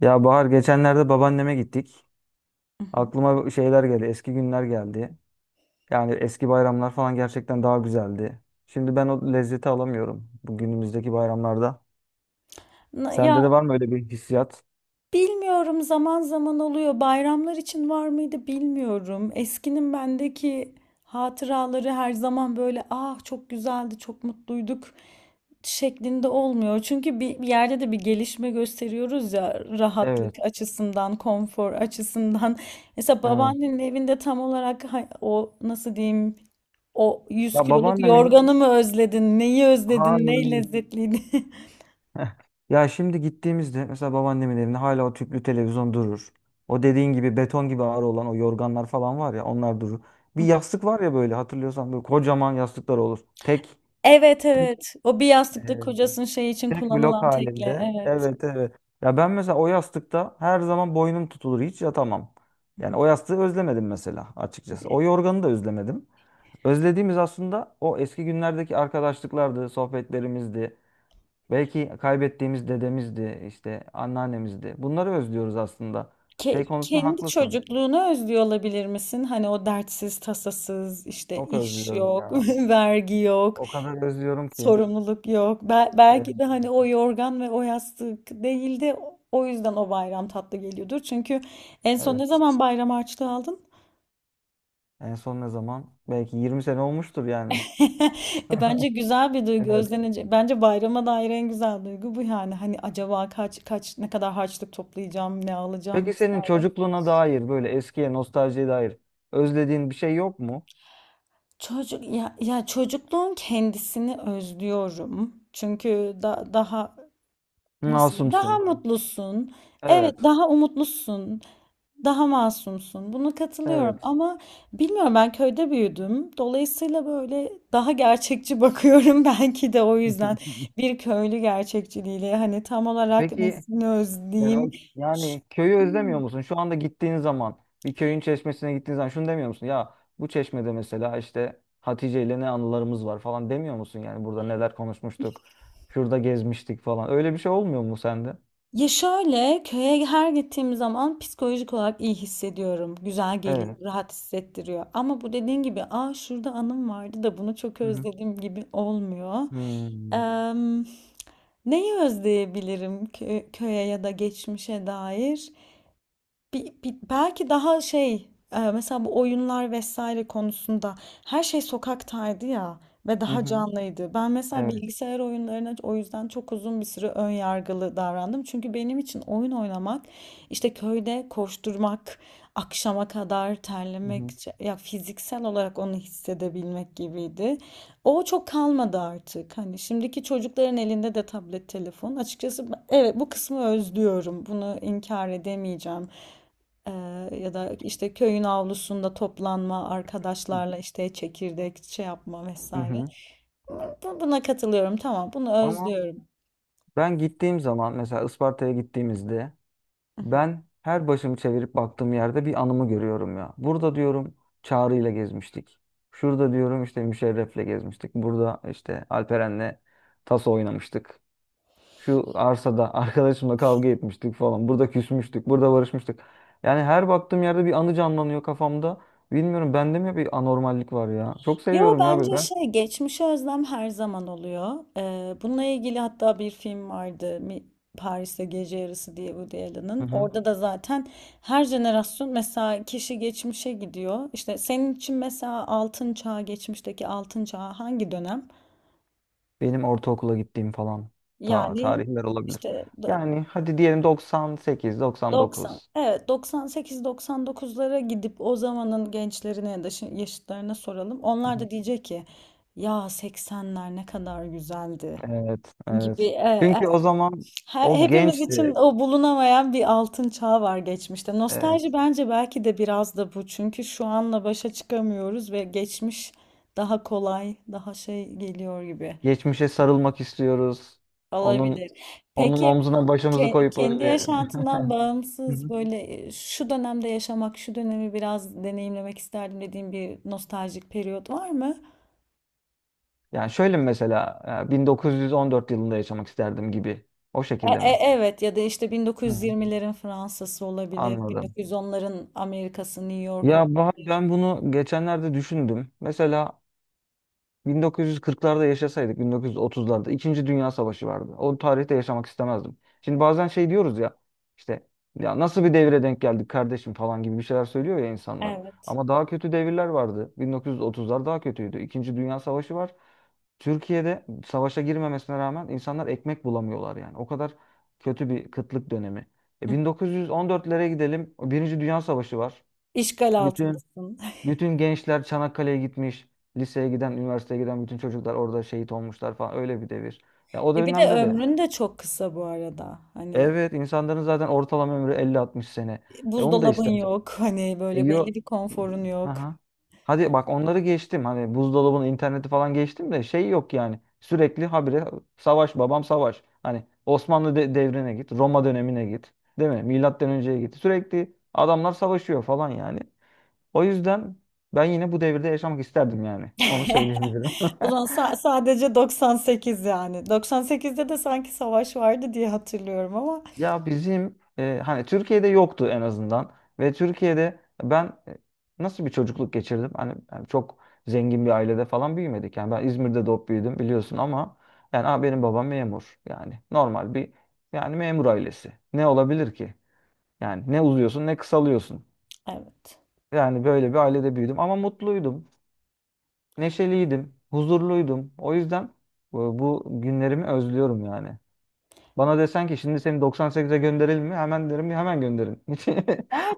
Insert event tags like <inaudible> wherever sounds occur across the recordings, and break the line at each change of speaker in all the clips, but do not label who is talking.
Ya Bahar geçenlerde babaanneme gittik.
Hı hı.
Aklıma şeyler geldi, eski günler geldi. Yani eski bayramlar falan gerçekten daha güzeldi. Şimdi ben o lezzeti alamıyorum bu günümüzdeki bayramlarda.
Na-
Sende de
Ya
var mı öyle bir hissiyat?
bilmiyorum zaman zaman oluyor. Bayramlar için var mıydı bilmiyorum. Eskinin bendeki hatıraları her zaman böyle ah çok güzeldi, çok mutluyduk şeklinde olmuyor. Çünkü bir yerde de bir gelişme gösteriyoruz ya rahatlık
Evet,
açısından, konfor açısından. <laughs> Mesela
evet.
babaannenin evinde tam olarak o nasıl diyeyim, o 100
Ya
kiloluk
babaannemin
yorganı mı özledin, neyi özledin, ne
hayır.
lezzetliydi? <laughs>
<laughs> Ya şimdi gittiğimizde mesela babaannemin evinde hala o tüplü televizyon durur. O dediğin gibi beton gibi ağır olan o yorganlar falan var ya onlar durur. Bir
Hı.
yastık var ya böyle hatırlıyorsan böyle kocaman yastıklar olur. Tek.
Evet, evet. O bir yastıkta kocasının şey için
Tek blok
kullanılan tekle.
halinde.
Evet.
Evet, evet. Ya ben mesela o yastıkta her zaman boynum tutulur. Hiç yatamam.
Hı
Yani
hı.
o yastığı özlemedim mesela açıkçası. O yorganı da özlemedim. Özlediğimiz aslında o eski günlerdeki arkadaşlıklardı, sohbetlerimizdi. Belki kaybettiğimiz dedemizdi, işte anneannemizdi. Bunları özlüyoruz aslında. Şey konusunda
Kendi
haklısın.
çocukluğunu özlüyor olabilir misin? Hani o dertsiz, tasasız, işte
Çok
iş
özlüyorum
yok,
ya.
<laughs> vergi yok,
O kadar özlüyorum ki.
sorumluluk yok.
Evet.
Belki de hani o yorgan ve o yastık değildi. O yüzden o bayram tatlı geliyordur. Çünkü en son ne
Evet.
zaman bayram harçlığı aldın?
En son ne zaman? Belki 20 sene olmuştur yani.
<laughs> E bence güzel
<laughs>
bir duygu
Evet.
özlenecek. Bence bayrama dair en güzel duygu bu yani. Hani acaba kaç kaç ne kadar harçlık toplayacağım, ne alacağım
Peki senin
vesaire.
çocukluğuna dair böyle eskiye nostaljiye dair özlediğin bir şey yok mu?
Çocuk ya, ya çocukluğun kendisini özlüyorum. Çünkü daha nasıl diyeyim, daha
Masumsun.
mutlusun. Evet,
Evet.
daha umutlusun. Daha masumsun. Buna katılıyorum
Evet.
ama bilmiyorum, ben köyde büyüdüm. Dolayısıyla böyle daha gerçekçi bakıyorum <laughs> belki de o yüzden
<laughs>
bir köylü gerçekçiliğiyle hani tam olarak
Peki
nesini
yani,
özleyeyim.
o- yani köyü özlemiyor musun? Şu anda gittiğin zaman bir köyün çeşmesine gittiğin zaman şunu demiyor musun? Ya bu çeşmede mesela işte Hatice ile ne anılarımız var falan demiyor musun? Yani burada neler konuşmuştuk, şurada gezmiştik falan. Öyle bir şey olmuyor mu sende?
Ya şöyle, köye her gittiğim zaman psikolojik olarak iyi hissediyorum. Güzel
Evet.
geliyor, rahat hissettiriyor. Ama bu dediğin gibi aa şurada anım vardı da bunu çok
Hı hı.
özledim gibi olmuyor.
Hmm.
Em, Neyi özleyebilirim köye ya da geçmişe dair? Belki daha mesela bu oyunlar vesaire konusunda her şey sokaktaydı ya ve
Hı
daha
hı.
canlıydı. Ben mesela
Evet.
bilgisayar oyunlarına o yüzden çok uzun bir süre ön yargılı davrandım. Çünkü benim için oyun oynamak işte köyde koşturmak, akşama kadar
Hı
terlemek
hı.
ya fiziksel olarak onu hissedebilmek gibiydi. O çok kalmadı artık. Hani şimdiki çocukların elinde de tablet, telefon. Açıkçası evet, bu kısmı özlüyorum. Bunu inkar edemeyeceğim. Ya da işte köyün avlusunda toplanma arkadaşlarla işte çekirdek şey yapma
Hı
vesaire.
hı.
Buna katılıyorum, tamam, bunu
Ama
özlüyorum.
ben gittiğim zaman mesela Isparta'ya gittiğimizde ben her başımı çevirip baktığım yerde bir anımı görüyorum ya. Burada diyorum Çağrı ile gezmiştik. Şurada diyorum işte Müşerref'le gezmiştik. Burada işte Alperen'le taso oynamıştık. Şu arsada <laughs> arkadaşımla kavga etmiştik falan. Burada küsmüştük. Burada barışmıştık. Yani her baktığım yerde bir anı canlanıyor kafamda. Bilmiyorum bende mi bir anormallik var ya. Çok
Yo,
seviyorum ya böyle
bence
ben.
şey, geçmişe özlem her zaman oluyor. Bununla ilgili hatta bir film vardı, Paris'te Gece Yarısı diye, Woody
Hı
Allen'ın.
hı.
Orada da zaten her jenerasyon, mesela kişi geçmişe gidiyor. İşte senin için mesela altın çağı, geçmişteki altın çağı hangi dönem?
Benim ortaokula gittiğim falan ta
Yani
tarihler olabilir.
işte
Yani hadi diyelim 98,
90,
99.
evet 98-99'lara gidip o zamanın gençlerine ya da yaşıtlarına soralım.
Hı
Onlar
hı.
da diyecek ki ya 80'ler ne kadar güzeldi
Evet,
gibi.
evet. Çünkü o zaman o
Hepimiz için
gençti.
o bulunamayan bir altın çağ var geçmişte. Nostalji
Evet.
bence belki de biraz da bu. Çünkü şu anla başa çıkamıyoruz ve geçmiş daha kolay, daha şey geliyor gibi
Geçmişe sarılmak istiyoruz.
olabilir.
Onun onun
Peki,
omzuna başımızı koyup
Kendi
öyle.
yaşantından
Hı
bağımsız
hı. <laughs>
böyle şu dönemde yaşamak, şu dönemi biraz deneyimlemek isterdim dediğim bir nostaljik periyot var mı?
Yani şöyle mi mesela 1914 yılında yaşamak isterdim gibi. O şekilde mi?
Evet, ya da işte
Hı hı.
1920'lerin Fransa'sı olabilir,
Anladım.
1910'ların Amerika'sı, New York
Ya Bahar,
olabilir.
ben bunu geçenlerde düşündüm. Mesela 1940'larda yaşasaydık, 1930'larda İkinci Dünya Savaşı vardı. O tarihte yaşamak istemezdim. Şimdi bazen şey diyoruz ya işte ya nasıl bir devire denk geldik kardeşim falan gibi bir şeyler söylüyor ya insanlar.
Evet.
Ama daha kötü devirler vardı. 1930'lar daha kötüydü. İkinci Dünya Savaşı var. Türkiye'de savaşa girmemesine rağmen insanlar ekmek bulamıyorlar yani. O kadar kötü bir kıtlık dönemi. E
Hı.
1914'lere gidelim. Birinci Dünya Savaşı var.
İşgal
Bütün
altındasın. <laughs>
bütün gençler Çanakkale'ye gitmiş. Liseye giden, üniversiteye giden bütün çocuklar orada şehit olmuşlar falan. Öyle bir devir. Ya o
E bir de
dönemde de
ömrün de çok kısa bu arada. Hani
evet insanların zaten ortalama ömrü 50-60 sene. E onu da
buzdolabın
istemem.
yok, hani
E
böyle
yo...
belli bir konforun yok.
Aha. Hadi bak onları geçtim. Hani buzdolabının interneti falan geçtim de şey yok yani. Sürekli habire savaş babam savaş. Hani Osmanlı devrine git, Roma dönemine git. Değil mi? Milattan önceye git. Sürekli adamlar savaşıyor falan yani. O yüzden ben yine bu devirde yaşamak isterdim yani. Onu
<laughs>
söyleyebilirim.
Ulan
<laughs>
sadece 98 yani. 98'de de sanki savaş vardı diye hatırlıyorum ama
Ya bizim hani Türkiye'de yoktu en azından ve Türkiye'de ben nasıl bir çocukluk geçirdim? Hani yani çok zengin bir ailede falan büyümedik. Yani ben İzmir'de doğup büyüdüm biliyorsun ama yani "Aa, benim babam memur. Yani normal bir yani memur ailesi. Ne olabilir ki? Yani ne uzuyorsun ne kısalıyorsun.
evet.
Yani böyle bir ailede büyüdüm ama mutluydum, Neşeliydim, huzurluydum. O yüzden bu günlerimi özlüyorum yani. Bana desen ki şimdi seni 98'e gönderelim mi? Hemen derim ya hemen gönderin. <laughs> Hiç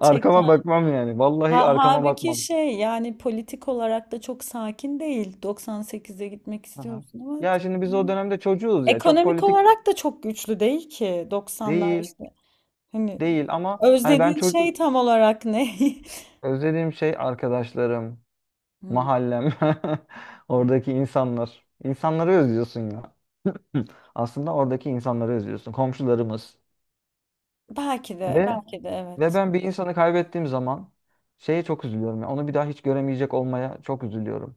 arkama bakmam yani. Vallahi
Ha,
arkama
halbuki
bakmam.
şey, yani politik olarak da çok sakin değil. 98'e gitmek
Aha.
istiyorsun ama
Ya
çok-
şimdi biz o dönemde çocuğuz ya. Çok
ekonomik
politik
olarak da çok güçlü değil ki. 90'lar
değil,
işte. Hani
değil ama hani ben
özlediğin
çok
şey tam olarak ne? <laughs>
özlediğim şey arkadaşlarım,
Hmm.
mahallem, <laughs> oradaki insanlar. İnsanları özlüyorsun ya. <laughs> Aslında oradaki insanları özlüyorsun. Komşularımız.
Belki de
Ve
belki de
Ve
evet.
ben bir insanı kaybettiğim zaman şeye çok üzülüyorum. Ya, onu bir daha hiç göremeyecek olmaya çok üzülüyorum.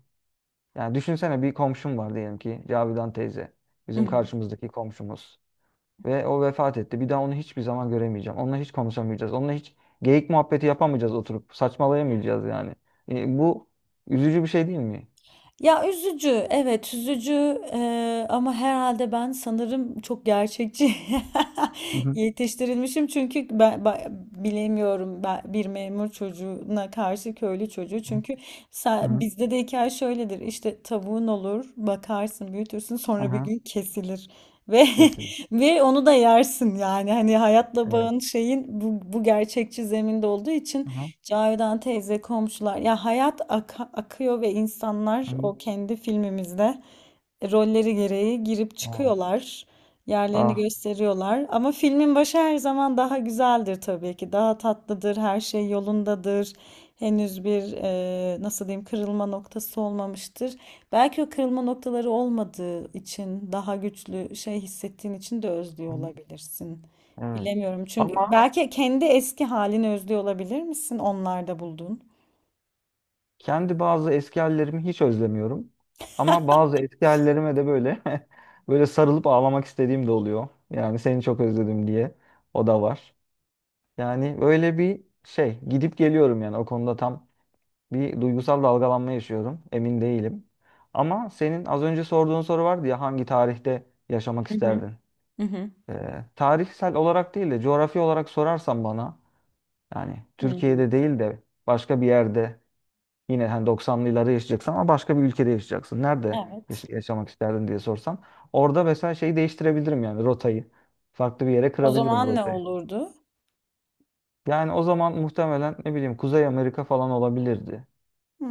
Yani düşünsene bir komşum var diyelim ki Cavidan teyze. Bizim
<laughs>
karşımızdaki komşumuz. Ve o vefat etti. Bir daha onu hiçbir zaman göremeyeceğim. Onunla hiç konuşamayacağız. Onunla hiç geyik muhabbeti yapamayacağız oturup. Saçmalayamayacağız yani. E, bu üzücü bir şey değil mi?
Ya üzücü, evet üzücü, ama herhalde ben sanırım çok gerçekçi
Hı
<laughs>
hı.
yetiştirilmişim çünkü ben bilemiyorum, ben bir memur çocuğuna karşı köylü çocuğu çünkü
Hı hı.
bizde de hikaye şöyledir, işte tavuğun olur, bakarsın, büyütürsün,
Hı
sonra bir
hı.
gün kesilir ve
Kesin.
<laughs> ve onu da yersin yani hani hayatla
Evet.
bağın şeyin bu gerçekçi zeminde olduğu için.
Hı hı.
Cavidan teyze, komşular. Ya hayat akıyor ve
Hı
insanlar
hı.
o kendi filmimizde rolleri gereği girip
Evet.
çıkıyorlar. Yerlerini
Ah.
gösteriyorlar. Ama filmin başı her zaman daha güzeldir tabii ki. Daha tatlıdır, her şey yolundadır. Henüz bir nasıl diyeyim kırılma noktası olmamıştır. Belki o kırılma noktaları olmadığı için, daha güçlü şey hissettiğin için de özlüyor
Hı hı.
olabilirsin.
Evet.
Bilemiyorum, çünkü
Ama
belki kendi eski halini özlüyor olabilir misin onlarda bulduğun?
kendi bazı eski hallerimi hiç özlemiyorum. Ama bazı eski hallerime de böyle <laughs> böyle sarılıp ağlamak istediğim de oluyor. Yani seni çok özledim diye. O da var. Yani böyle bir şey gidip geliyorum yani o konuda tam bir duygusal dalgalanma yaşıyorum. Emin değilim. Ama senin az önce sorduğun soru vardı ya hangi tarihte yaşamak
Hı hı.
isterdin?
Hı hı.
Tarihsel olarak değil de coğrafi olarak sorarsan bana yani
Hı.
Türkiye'de değil de başka bir yerde. Yine hani 90'lı yıllarda yaşayacaksın ama başka bir ülkede yaşayacaksın. Nerede yaş-
Evet.
yaşamak isterdin diye sorsam. Orada mesela şeyi değiştirebilirim yani rotayı. Farklı bir yere
O
kırabilirim
zaman ne
rotayı.
olurdu?
Yani o zaman muhtemelen ne bileyim Kuzey Amerika falan olabilirdi.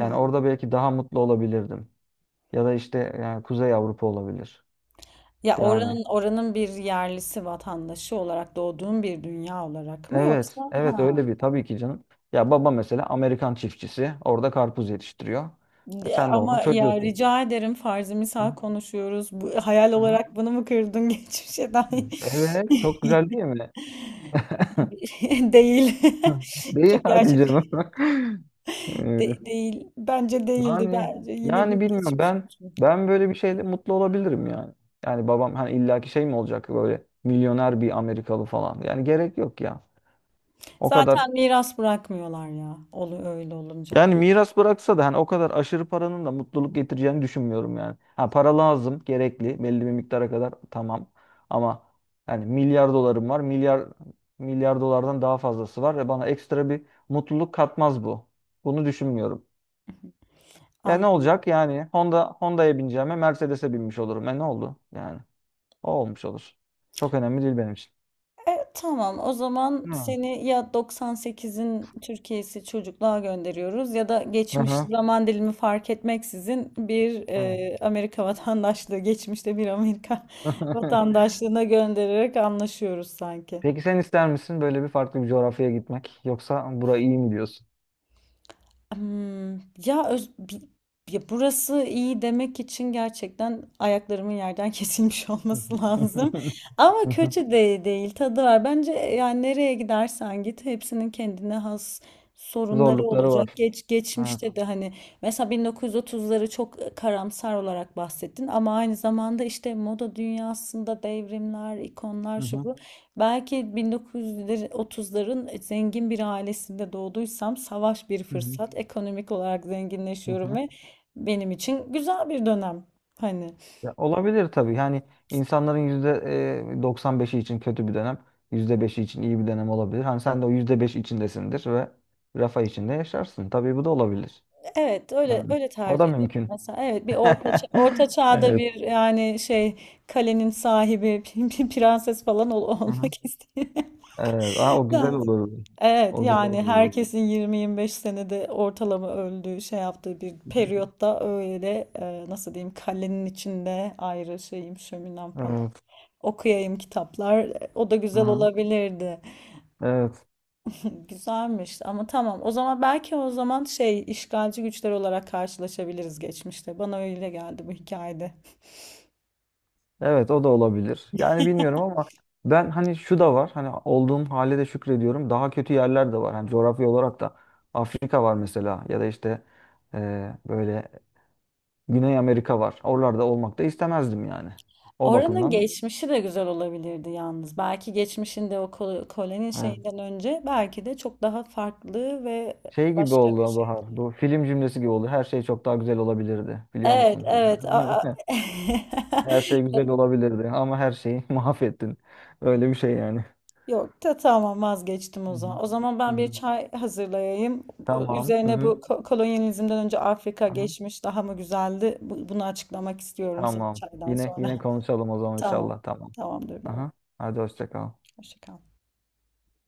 Yani orada belki daha mutlu olabilirdim. Ya da işte yani Kuzey Avrupa olabilir.
Ya
Yani
oranın, oranın bir yerlisi, vatandaşı olarak doğduğun bir dünya olarak mı yoksa?
evet, evet
Ha.
öyle bir tabii ki canım. Ya baba mesela Amerikan çiftçisi orada karpuz yetiştiriyor. E
Ya
sen de onun
ama ya
çocuğusun.
rica ederim, farzı misal
Hı,
konuşuyoruz. Bu, hayal
hı.
olarak bunu mu kırdın <laughs> geçmişe dair?
Evet, çok güzel değil mi? <laughs>
<laughs> Değil.
<laughs> Hı.
<laughs>
Değil
Çok
hadi
gerçek
canım. <laughs> Ee,
değil. Bence değildi.
yani
Bence yine bir
yani bilmiyorum
geçmiş
ben
olsun.
ben böyle bir şeyle mutlu olabilirim yani. Yani babam hani illaki şey mi olacak böyle milyoner bir Amerikalı falan. Yani gerek yok ya. O kadar
Zaten miras bırakmıyorlar ya. Olu öyle olunca.
yani miras bıraksa da hani o kadar aşırı paranın da mutluluk getireceğini düşünmüyorum yani. Ha para lazım, gerekli belli bir miktara kadar tamam. Ama yani milyar dolarım var. Milyar dolardan daha fazlası var ve bana ekstra bir mutluluk katmaz bu. Bunu düşünmüyorum. Ya ne
Anladım.
olacak yani? Honda'ya bineceğime Mercedes'e binmiş olurum. E ne oldu? Yani o olmuş olur. Çok önemli değil benim için.
Tamam, o zaman
Hmm.
seni ya 98'in Türkiye'si çocukluğa gönderiyoruz ya da
Hı
geçmiş
hı.
zaman dilimi fark etmeksizin bir
Evet.
Amerika vatandaşlığı, geçmişte bir Amerika <laughs>
<laughs>
vatandaşlığına göndererek anlaşıyoruz sanki.
Peki sen ister misin böyle bir farklı bir coğrafyaya gitmek? Yoksa burayı iyi mi diyorsun?
Hmm, Ya, öz, bi- Ya burası iyi demek için gerçekten ayaklarımın yerden <laughs> kesilmiş
Hı
olması
hı.
lazım.
<laughs>
Ama
Hı hı.
kötü de değil, tadı var. Bence yani nereye gidersen git hepsinin kendine has sorunları
Zorlukları
olacak.
var.
Geç
Evet.
geçmişte de hani mesela 1930'ları çok karamsar olarak bahsettin ama aynı zamanda işte moda dünyasında devrimler, ikonlar
Hı
şu
hı.
bu. Belki 1930'ların zengin bir ailesinde doğduysam savaş bir
Hı hı.
fırsat. Ekonomik olarak
Hı
zenginleşiyorum
hı.
ve benim için güzel bir dönem. Hani
Ya olabilir tabii. Yani insanların yüzde 95'i için kötü bir dönem, %5'i için iyi bir dönem olabilir. Hani sen de o yüzde 5 içindesindir ve rafa içinde yaşarsın. Tabii bu da olabilir.
evet, öyle
Yani
öyle
o da
tercih ederim.
mümkün.
Mesela evet bir
<laughs>
orta çağda
Evet.
bir yani şey, kalenin sahibi <laughs> bir prenses falan
Hı hı.
olmak istiyorum.
Evet. Aa, o güzel
<laughs>
olur.
Evet
O güzel
yani
olur.
herkesin 20-25 senede ortalama öldüğü şey yaptığı bir
Hı hı.
periyotta öyle nasıl diyeyim kalenin içinde ayrı şeyim, şöminem falan,
Evet.
okuyayım kitaplar o da
Hı
güzel
hı.
olabilirdi.
Evet.
<laughs> Güzelmiş ama tamam o zaman, belki o zaman şey, işgalci güçler olarak karşılaşabiliriz geçmişte, bana öyle geldi bu hikayede.
Evet o da olabilir. Yani bilmiyorum ama ben hani şu da var. Hani olduğum hale de şükrediyorum. Daha kötü yerler de var. Hani coğrafya olarak da Afrika var mesela ya da işte böyle Güney Amerika var. Oralarda olmak da istemezdim yani. O
Oranın
bakımdan
geçmişi de güzel olabilirdi yalnız. Belki geçmişinde o koloni
evet.
şeyinden önce belki de çok daha farklı ve
Şey gibi
başka bir
oldu
şey.
Bahar. Bu film cümlesi gibi oldu. Her şey çok daha güzel olabilirdi. Biliyor
Evet,
musun?
evet. A-
<laughs> Her şey güzel
<laughs>
olabilirdi ama her şeyi <laughs> mahvettin. Öyle bir şey yani.
Yok da tamam, vazgeçtim o
Hı
zaman.
hı.
O zaman
Hı
ben bir
hı.
çay hazırlayayım.
Tamam. Hı
Üzerine bu
hı.
kolonyalizmden önce Afrika
Aha.
geçmiş daha mı güzeldi? Bunu açıklamak istiyorum senin
Tamam.
çaydan
Yine
sonra.
yine konuşalım o
<laughs>
zaman
Tamam.
inşallah. Tamam.
Tamamdır baba.
Aha. Hadi hoşça kal.
Hoşça kal.